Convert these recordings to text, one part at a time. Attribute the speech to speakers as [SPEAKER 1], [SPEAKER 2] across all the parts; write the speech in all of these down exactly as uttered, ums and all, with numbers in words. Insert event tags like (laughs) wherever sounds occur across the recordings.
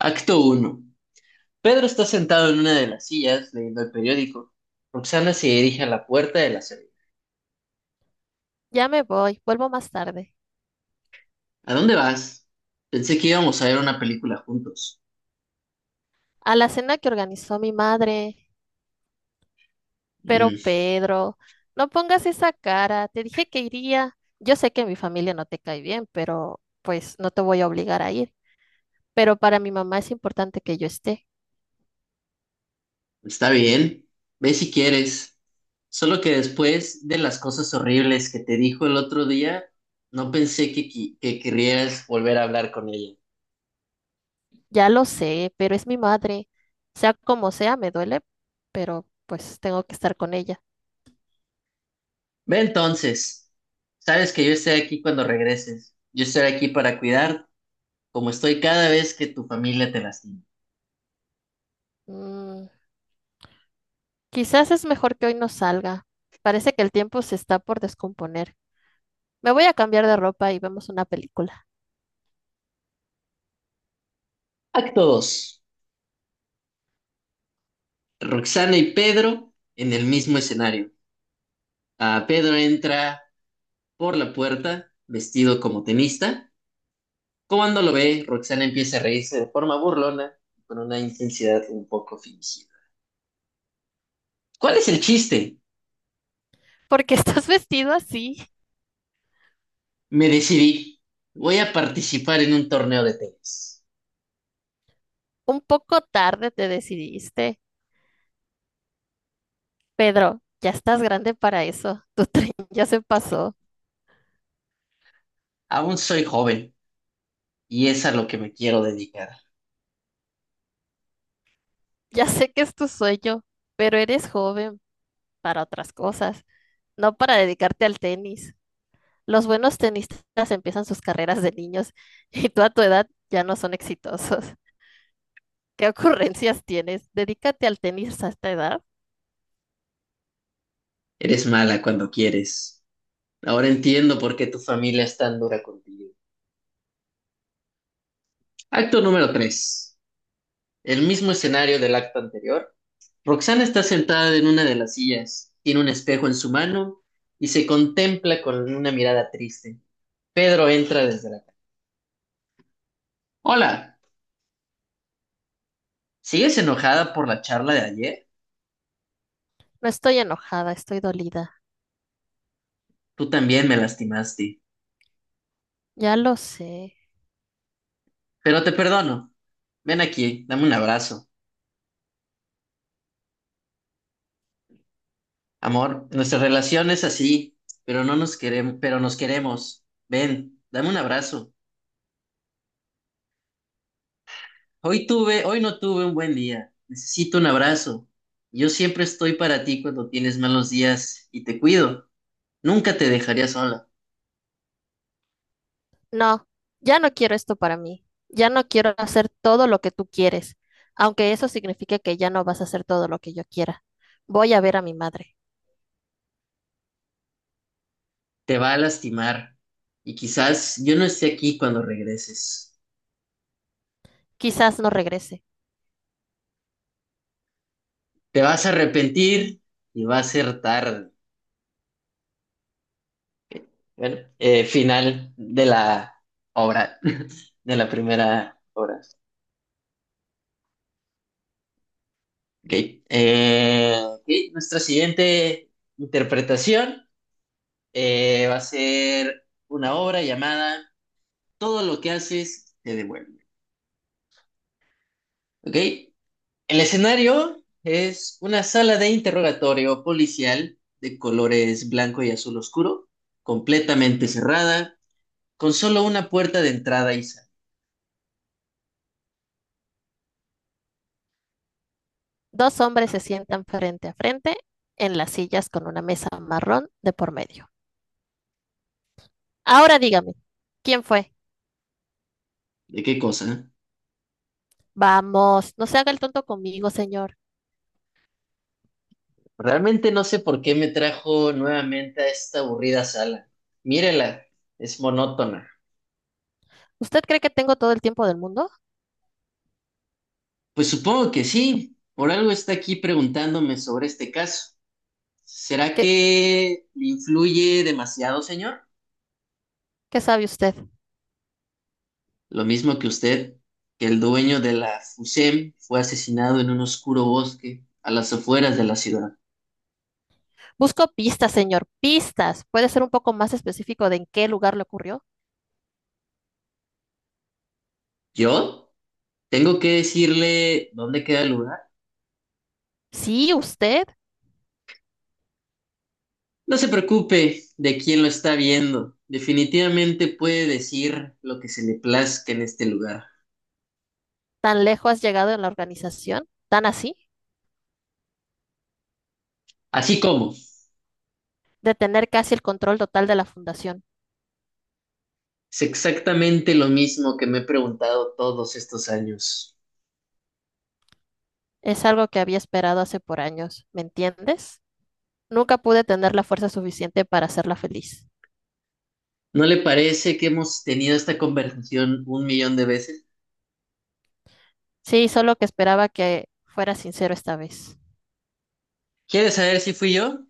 [SPEAKER 1] Acto uno. Pedro está sentado en una de las sillas leyendo el periódico. Roxana se dirige a la puerta de la serie.
[SPEAKER 2] Ya me voy, vuelvo más tarde.
[SPEAKER 1] ¿A dónde vas? Pensé que íbamos a ver una película juntos.
[SPEAKER 2] A la cena que organizó mi madre. Pero
[SPEAKER 1] "Mm,
[SPEAKER 2] Pedro, no pongas esa cara. Te dije que iría. Yo sé que mi familia no te cae bien, pero pues no te voy a obligar a ir. Pero para mi mamá es importante que yo esté.
[SPEAKER 1] está bien. Ve si quieres. Solo que después de las cosas horribles que te dijo el otro día, no pensé que, qui- que querrías volver a hablar con ella.
[SPEAKER 2] Ya lo sé, pero es mi madre. Sea como sea, me duele, pero pues tengo que estar con ella.
[SPEAKER 1] Ve entonces. Sabes que yo estaré aquí cuando regreses. Yo estaré aquí para cuidar, como estoy cada vez que tu familia te lastima.
[SPEAKER 2] Mm. Quizás es mejor que hoy no salga. Parece que el tiempo se está por descomponer. Me voy a cambiar de ropa y vemos una película.
[SPEAKER 1] Acto dos. Roxana y Pedro en el mismo escenario. Ah, Pedro entra por la puerta vestido como tenista. Cuando lo ve, Roxana empieza a reírse de forma burlona, con una intensidad un poco fingida. ¿Cuál es el chiste?
[SPEAKER 2] ¿Por qué estás (laughs) vestido así?
[SPEAKER 1] Me decidí. Voy a participar en un torneo de tenis.
[SPEAKER 2] Un poco tarde te decidiste. Pedro, ya estás grande para eso. Tu tren (laughs) ya se pasó.
[SPEAKER 1] Aún soy joven y es a lo que me quiero dedicar.
[SPEAKER 2] Ya sé que es tu sueño, pero eres joven para otras cosas, no para dedicarte al tenis. Los buenos tenistas empiezan sus carreras de niños (laughs) y tú a tu edad ya no son exitosos. (laughs) ¿Qué ocurrencias tienes? Dedícate al tenis a esta edad.
[SPEAKER 1] Eres mala cuando quieres. Ahora entiendo por qué tu familia es tan dura contigo. Acto número tres. El mismo escenario del acto anterior, Roxana está sentada en una de las sillas, tiene un espejo en su mano y se contempla con una mirada triste. Pedro entra desde la casa. Hola, ¿sigues enojada por la charla de ayer?
[SPEAKER 2] No estoy enojada, estoy dolida.
[SPEAKER 1] Tú también me lastimaste,
[SPEAKER 2] Ya lo sé.
[SPEAKER 1] pero te perdono. Ven aquí, dame un abrazo. Amor, nuestra relación es así, pero no nos queremos, pero nos queremos. Ven, dame un abrazo. Hoy tuve, hoy no tuve un buen día. Necesito un abrazo. Yo siempre estoy para ti cuando tienes malos días y te cuido. Nunca te dejaría sola,
[SPEAKER 2] No, ya no quiero esto para mí. Ya no quiero hacer todo lo que tú quieres, aunque eso signifique que ya no vas a hacer todo lo que yo quiera. Voy a ver a mi madre.
[SPEAKER 1] te va a lastimar y quizás yo no esté aquí cuando regreses.
[SPEAKER 2] Quizás no regrese.
[SPEAKER 1] Te vas a arrepentir y va a ser tarde. Bueno, eh, final de la obra, (laughs) de la primera obra. Ok, eh, ok, nuestra siguiente interpretación eh, va a ser una obra llamada Todo lo que haces te devuelve. ¿Ok? El escenario es una sala de interrogatorio policial de colores blanco y azul oscuro, completamente cerrada, con solo una puerta de entrada y salida.
[SPEAKER 2] Dos hombres se sientan frente a frente en las sillas con una mesa marrón de por medio. Ahora dígame, ¿quién fue?
[SPEAKER 1] ¿De qué cosa?
[SPEAKER 2] Vamos, no se haga el tonto conmigo, señor.
[SPEAKER 1] Realmente no sé por qué me trajo nuevamente a esta aburrida sala. Mírela, es monótona.
[SPEAKER 2] ¿Usted cree que tengo todo el tiempo del mundo?
[SPEAKER 1] Pues supongo que sí, por algo está aquí preguntándome sobre este caso. ¿Será
[SPEAKER 2] ¿Qué,
[SPEAKER 1] que le influye demasiado, señor?
[SPEAKER 2] qué sabe usted?
[SPEAKER 1] Lo mismo que usted, que el dueño de la F U S E M fue asesinado en un oscuro bosque a las afueras de la ciudad.
[SPEAKER 2] Busco pistas, señor, pistas. ¿Puede ser un poco más específico de en qué lugar le ocurrió?
[SPEAKER 1] ¿Yo? ¿Tengo que decirle dónde queda el lugar?
[SPEAKER 2] Sí, usted,
[SPEAKER 1] No se preocupe de quién lo está viendo. Definitivamente puede decir lo que se le plazca en este lugar.
[SPEAKER 2] tan lejos has llegado en la organización, tan así,
[SPEAKER 1] Así como,
[SPEAKER 2] de tener casi el control total de la fundación.
[SPEAKER 1] es exactamente lo mismo que me he preguntado todos estos años.
[SPEAKER 2] Es algo que había esperado hace por años, ¿me entiendes? Nunca pude tener la fuerza suficiente para hacerla feliz.
[SPEAKER 1] ¿No le parece que hemos tenido esta conversación un millón de veces?
[SPEAKER 2] Sí, solo que esperaba que fuera sincero esta vez.
[SPEAKER 1] ¿Quiere saber si fui yo?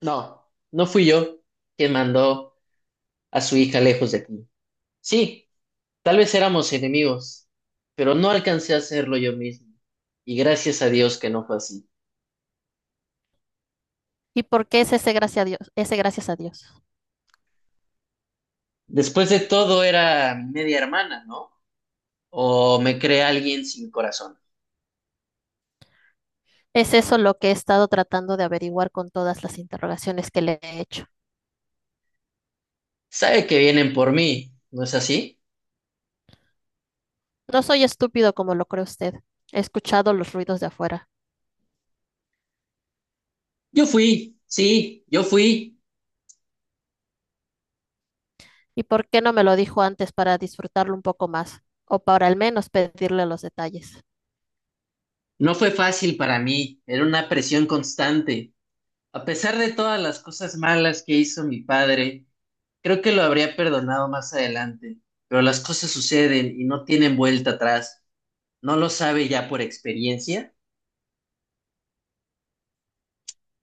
[SPEAKER 1] No, no fui yo quien mandó a su hija lejos de aquí. Sí, tal vez éramos enemigos, pero no alcancé a hacerlo yo mismo. Y gracias a Dios que no fue así.
[SPEAKER 2] ¿Y por qué es ese gracias a Dios? Ese gracias a Dios.
[SPEAKER 1] Después de todo era mi media hermana, ¿no? O me cree alguien sin corazón.
[SPEAKER 2] Es eso lo que he estado tratando de averiguar con todas las interrogaciones que le he hecho.
[SPEAKER 1] Sabe que vienen por mí, ¿no es así?
[SPEAKER 2] No soy estúpido como lo cree usted. He escuchado los ruidos de afuera.
[SPEAKER 1] Yo fui, sí, yo fui.
[SPEAKER 2] ¿Y por qué no me lo dijo antes para disfrutarlo un poco más? O para al menos pedirle los detalles.
[SPEAKER 1] No fue fácil para mí, era una presión constante. A pesar de todas las cosas malas que hizo mi padre, creo que lo habría perdonado más adelante, pero las cosas suceden y no tienen vuelta atrás. No lo sabe ya por experiencia.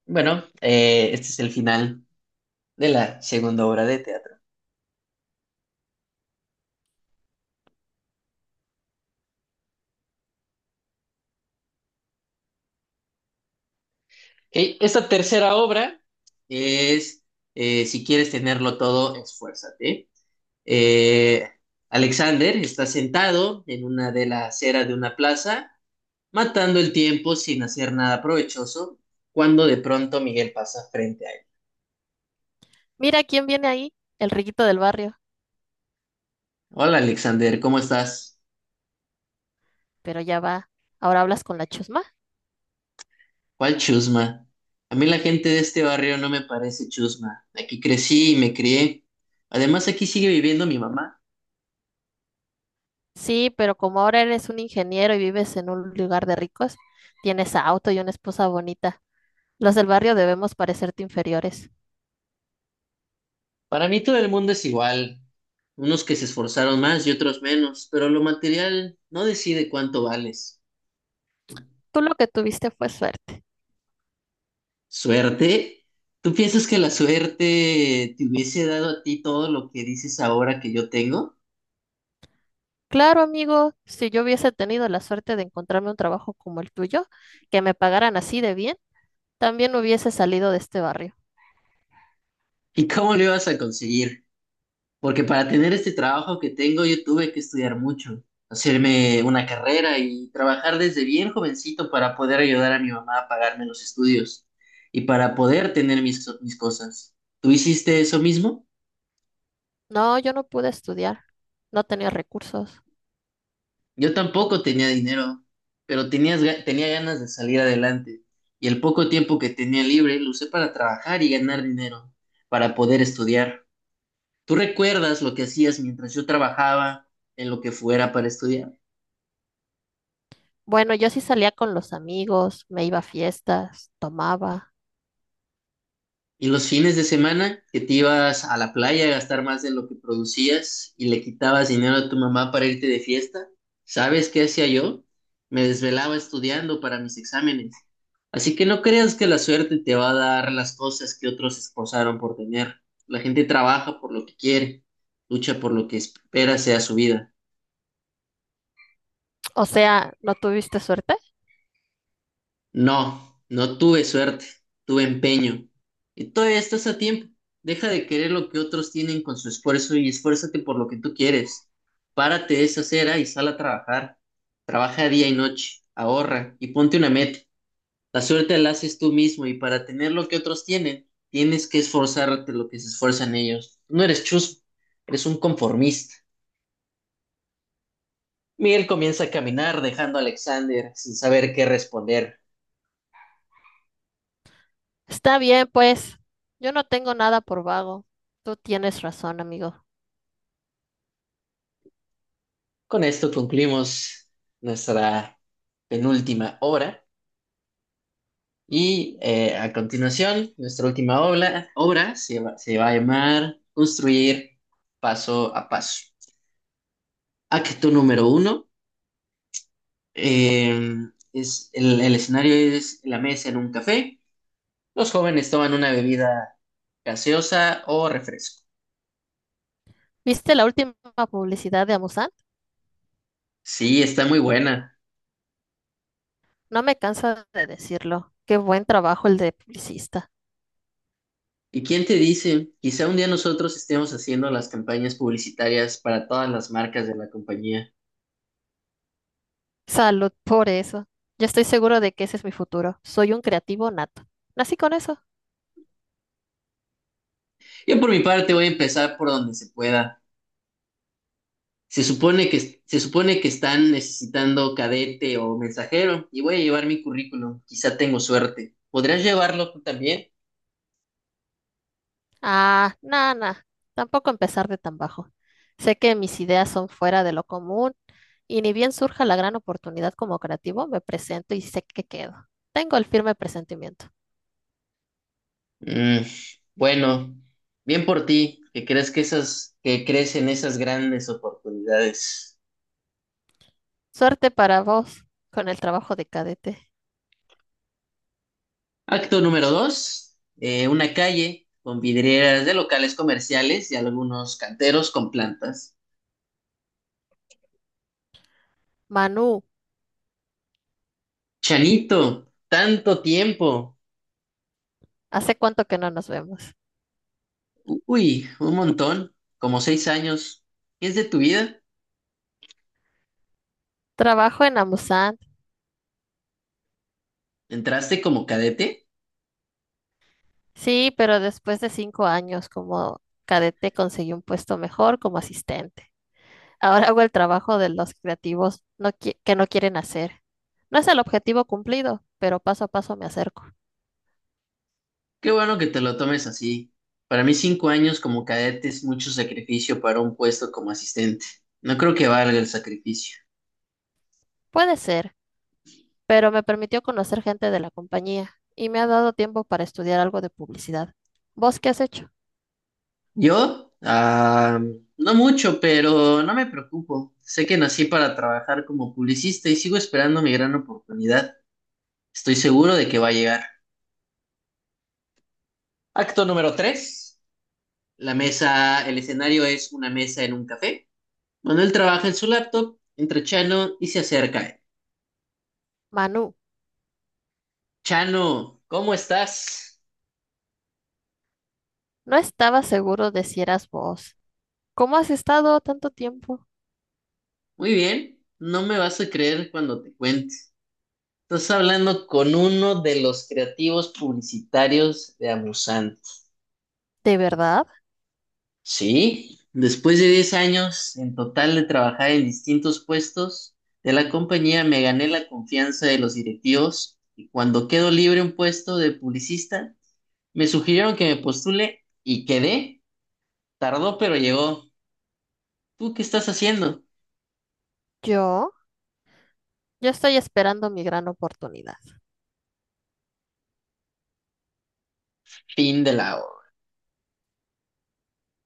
[SPEAKER 1] Bueno, eh, este es el final de la segunda obra de teatro. Ok, esta tercera obra es eh, Si quieres tenerlo todo, esfuérzate. Eh, Alexander está sentado en una de las aceras de una plaza, matando el tiempo sin hacer nada provechoso, cuando de pronto Miguel pasa frente a él.
[SPEAKER 2] Mira quién viene ahí, el riquito del barrio.
[SPEAKER 1] Hola Alexander, ¿cómo estás?
[SPEAKER 2] Pero ya va. ¿Ahora hablas con la chusma?
[SPEAKER 1] ¿Cuál chusma? A mí la gente de este barrio no me parece chusma. Aquí crecí y me crié. Además, aquí sigue viviendo mi mamá.
[SPEAKER 2] Sí, pero como ahora eres un ingeniero y vives en un lugar de ricos, tienes auto y una esposa bonita. Los del barrio debemos parecerte inferiores.
[SPEAKER 1] Para mí todo el mundo es igual. Unos que se esforzaron más y otros menos, pero lo material no decide cuánto vales.
[SPEAKER 2] Tú lo que tuviste fue suerte.
[SPEAKER 1] ¿Suerte? ¿Tú piensas que la suerte te hubiese dado a ti todo lo que dices ahora que yo tengo?
[SPEAKER 2] Claro, amigo, si yo hubiese tenido la suerte de encontrarme un trabajo como el tuyo, que me pagaran así de bien, también hubiese salido de este barrio.
[SPEAKER 1] ¿Y cómo lo ibas a conseguir? Porque para tener este trabajo que tengo, yo tuve que estudiar mucho, hacerme una carrera y trabajar desde bien jovencito para poder ayudar a mi mamá a pagarme los estudios y para poder tener mis, mis cosas. ¿Tú hiciste eso mismo?
[SPEAKER 2] No, yo no pude estudiar. No tenía recursos.
[SPEAKER 1] Yo tampoco tenía dinero, pero tenías, ga- tenía ganas de salir adelante y el poco tiempo que tenía libre lo usé para trabajar y ganar dinero, para poder estudiar. ¿Tú recuerdas lo que hacías mientras yo trabajaba en lo que fuera para estudiar?
[SPEAKER 2] Bueno, yo sí salía con los amigos, me iba a fiestas, tomaba.
[SPEAKER 1] Y los fines de semana que te ibas a la playa a gastar más de lo que producías y le quitabas dinero a tu mamá para irte de fiesta, ¿sabes qué hacía yo? Me desvelaba estudiando para mis exámenes. Así que no creas que la suerte te va a dar las cosas que otros se esforzaron por tener. La gente trabaja por lo que quiere, lucha por lo que espera sea su vida.
[SPEAKER 2] O sea, ¿no tuviste suerte?
[SPEAKER 1] No, no tuve suerte, tuve empeño. Y todavía estás a tiempo. Deja de querer lo que otros tienen con su esfuerzo y esfuérzate por lo que tú quieres. Párate de esa acera y sal a trabajar. Trabaja día y noche, ahorra y ponte una meta. La suerte la haces tú mismo y para tener lo que otros tienen, tienes que esforzarte lo que se esfuerzan ellos. Tú no eres chusco, eres un conformista. Miguel comienza a caminar dejando a Alexander sin saber qué responder.
[SPEAKER 2] Está bien, pues. Yo no tengo nada por vago. Tú tienes razón, amigo.
[SPEAKER 1] Con esto concluimos nuestra penúltima obra. Y eh, a continuación, nuestra última obra, obra se va, se va a llamar Construir paso a paso. Acto número uno. eh, es, el, el escenario es la mesa en un café. Los jóvenes toman una bebida gaseosa o refresco.
[SPEAKER 2] ¿Viste la última publicidad de Amusan?
[SPEAKER 1] Sí, está muy buena.
[SPEAKER 2] No me canso de decirlo. Qué buen trabajo el de publicista.
[SPEAKER 1] ¿Y quién te dice? Quizá un día nosotros estemos haciendo las campañas publicitarias para todas las marcas de la compañía.
[SPEAKER 2] Salud por eso. Yo estoy seguro de que ese es mi futuro. Soy un creativo nato. Nací con eso.
[SPEAKER 1] Yo por mi parte voy a empezar por donde se pueda. Se supone que, se supone que están necesitando cadete o mensajero y voy a llevar mi currículum. Quizá tengo suerte. ¿Podrías llevarlo tú también?
[SPEAKER 2] Ah, nana. Tampoco empezar de tan bajo. Sé que mis ideas son fuera de lo común y ni bien surja la gran oportunidad como creativo, me presento y sé que quedo. Tengo el firme presentimiento.
[SPEAKER 1] Mm, bueno, bien por ti, que crees que esas, que crees en esas grandes oportunidades.
[SPEAKER 2] Suerte para vos con el trabajo de cadete.
[SPEAKER 1] Acto número dos, eh, una calle con vidrieras de locales comerciales y algunos canteros con plantas.
[SPEAKER 2] Manu,
[SPEAKER 1] Chanito, tanto tiempo.
[SPEAKER 2] ¿hace cuánto que no nos vemos?
[SPEAKER 1] Uy, un montón, como seis años. ¿Qué es de tu vida?
[SPEAKER 2] Trabajo en Amusan.
[SPEAKER 1] ¿Entraste como cadete?
[SPEAKER 2] Sí, pero después de cinco años como cadete conseguí un puesto mejor como asistente. Ahora hago el trabajo de los creativos no qui- que no quieren hacer. No es el objetivo cumplido, pero paso a paso me acerco.
[SPEAKER 1] Qué bueno que te lo tomes así. Para mí cinco años como cadete es mucho sacrificio para un puesto como asistente. No creo que valga el sacrificio.
[SPEAKER 2] Puede ser, pero me permitió conocer gente de la compañía y me ha dado tiempo para estudiar algo de publicidad. ¿Vos qué has hecho?
[SPEAKER 1] Yo, ah, no mucho, pero no me preocupo. Sé que nací para trabajar como publicista y sigo esperando mi gran oportunidad. Estoy seguro de que va a llegar. Acto número tres. La mesa, el escenario es una mesa en un café. Manuel trabaja en su laptop, entra Chano y se acerca a él.
[SPEAKER 2] Manu,
[SPEAKER 1] Chano, ¿cómo estás?
[SPEAKER 2] no estaba seguro de si eras vos. ¿Cómo has estado tanto tiempo?
[SPEAKER 1] Muy bien, no me vas a creer cuando te cuente. Estás hablando con uno de los creativos publicitarios de Amusant.
[SPEAKER 2] ¿De verdad?
[SPEAKER 1] Sí, después de diez años en total de trabajar en distintos puestos de la compañía, me gané la confianza de los directivos y cuando quedó libre un puesto de publicista, me sugirieron que me postule y quedé. Tardó, pero llegó. ¿Tú qué estás haciendo?
[SPEAKER 2] ¿Yo? Yo estoy esperando mi gran oportunidad.
[SPEAKER 1] Fin de la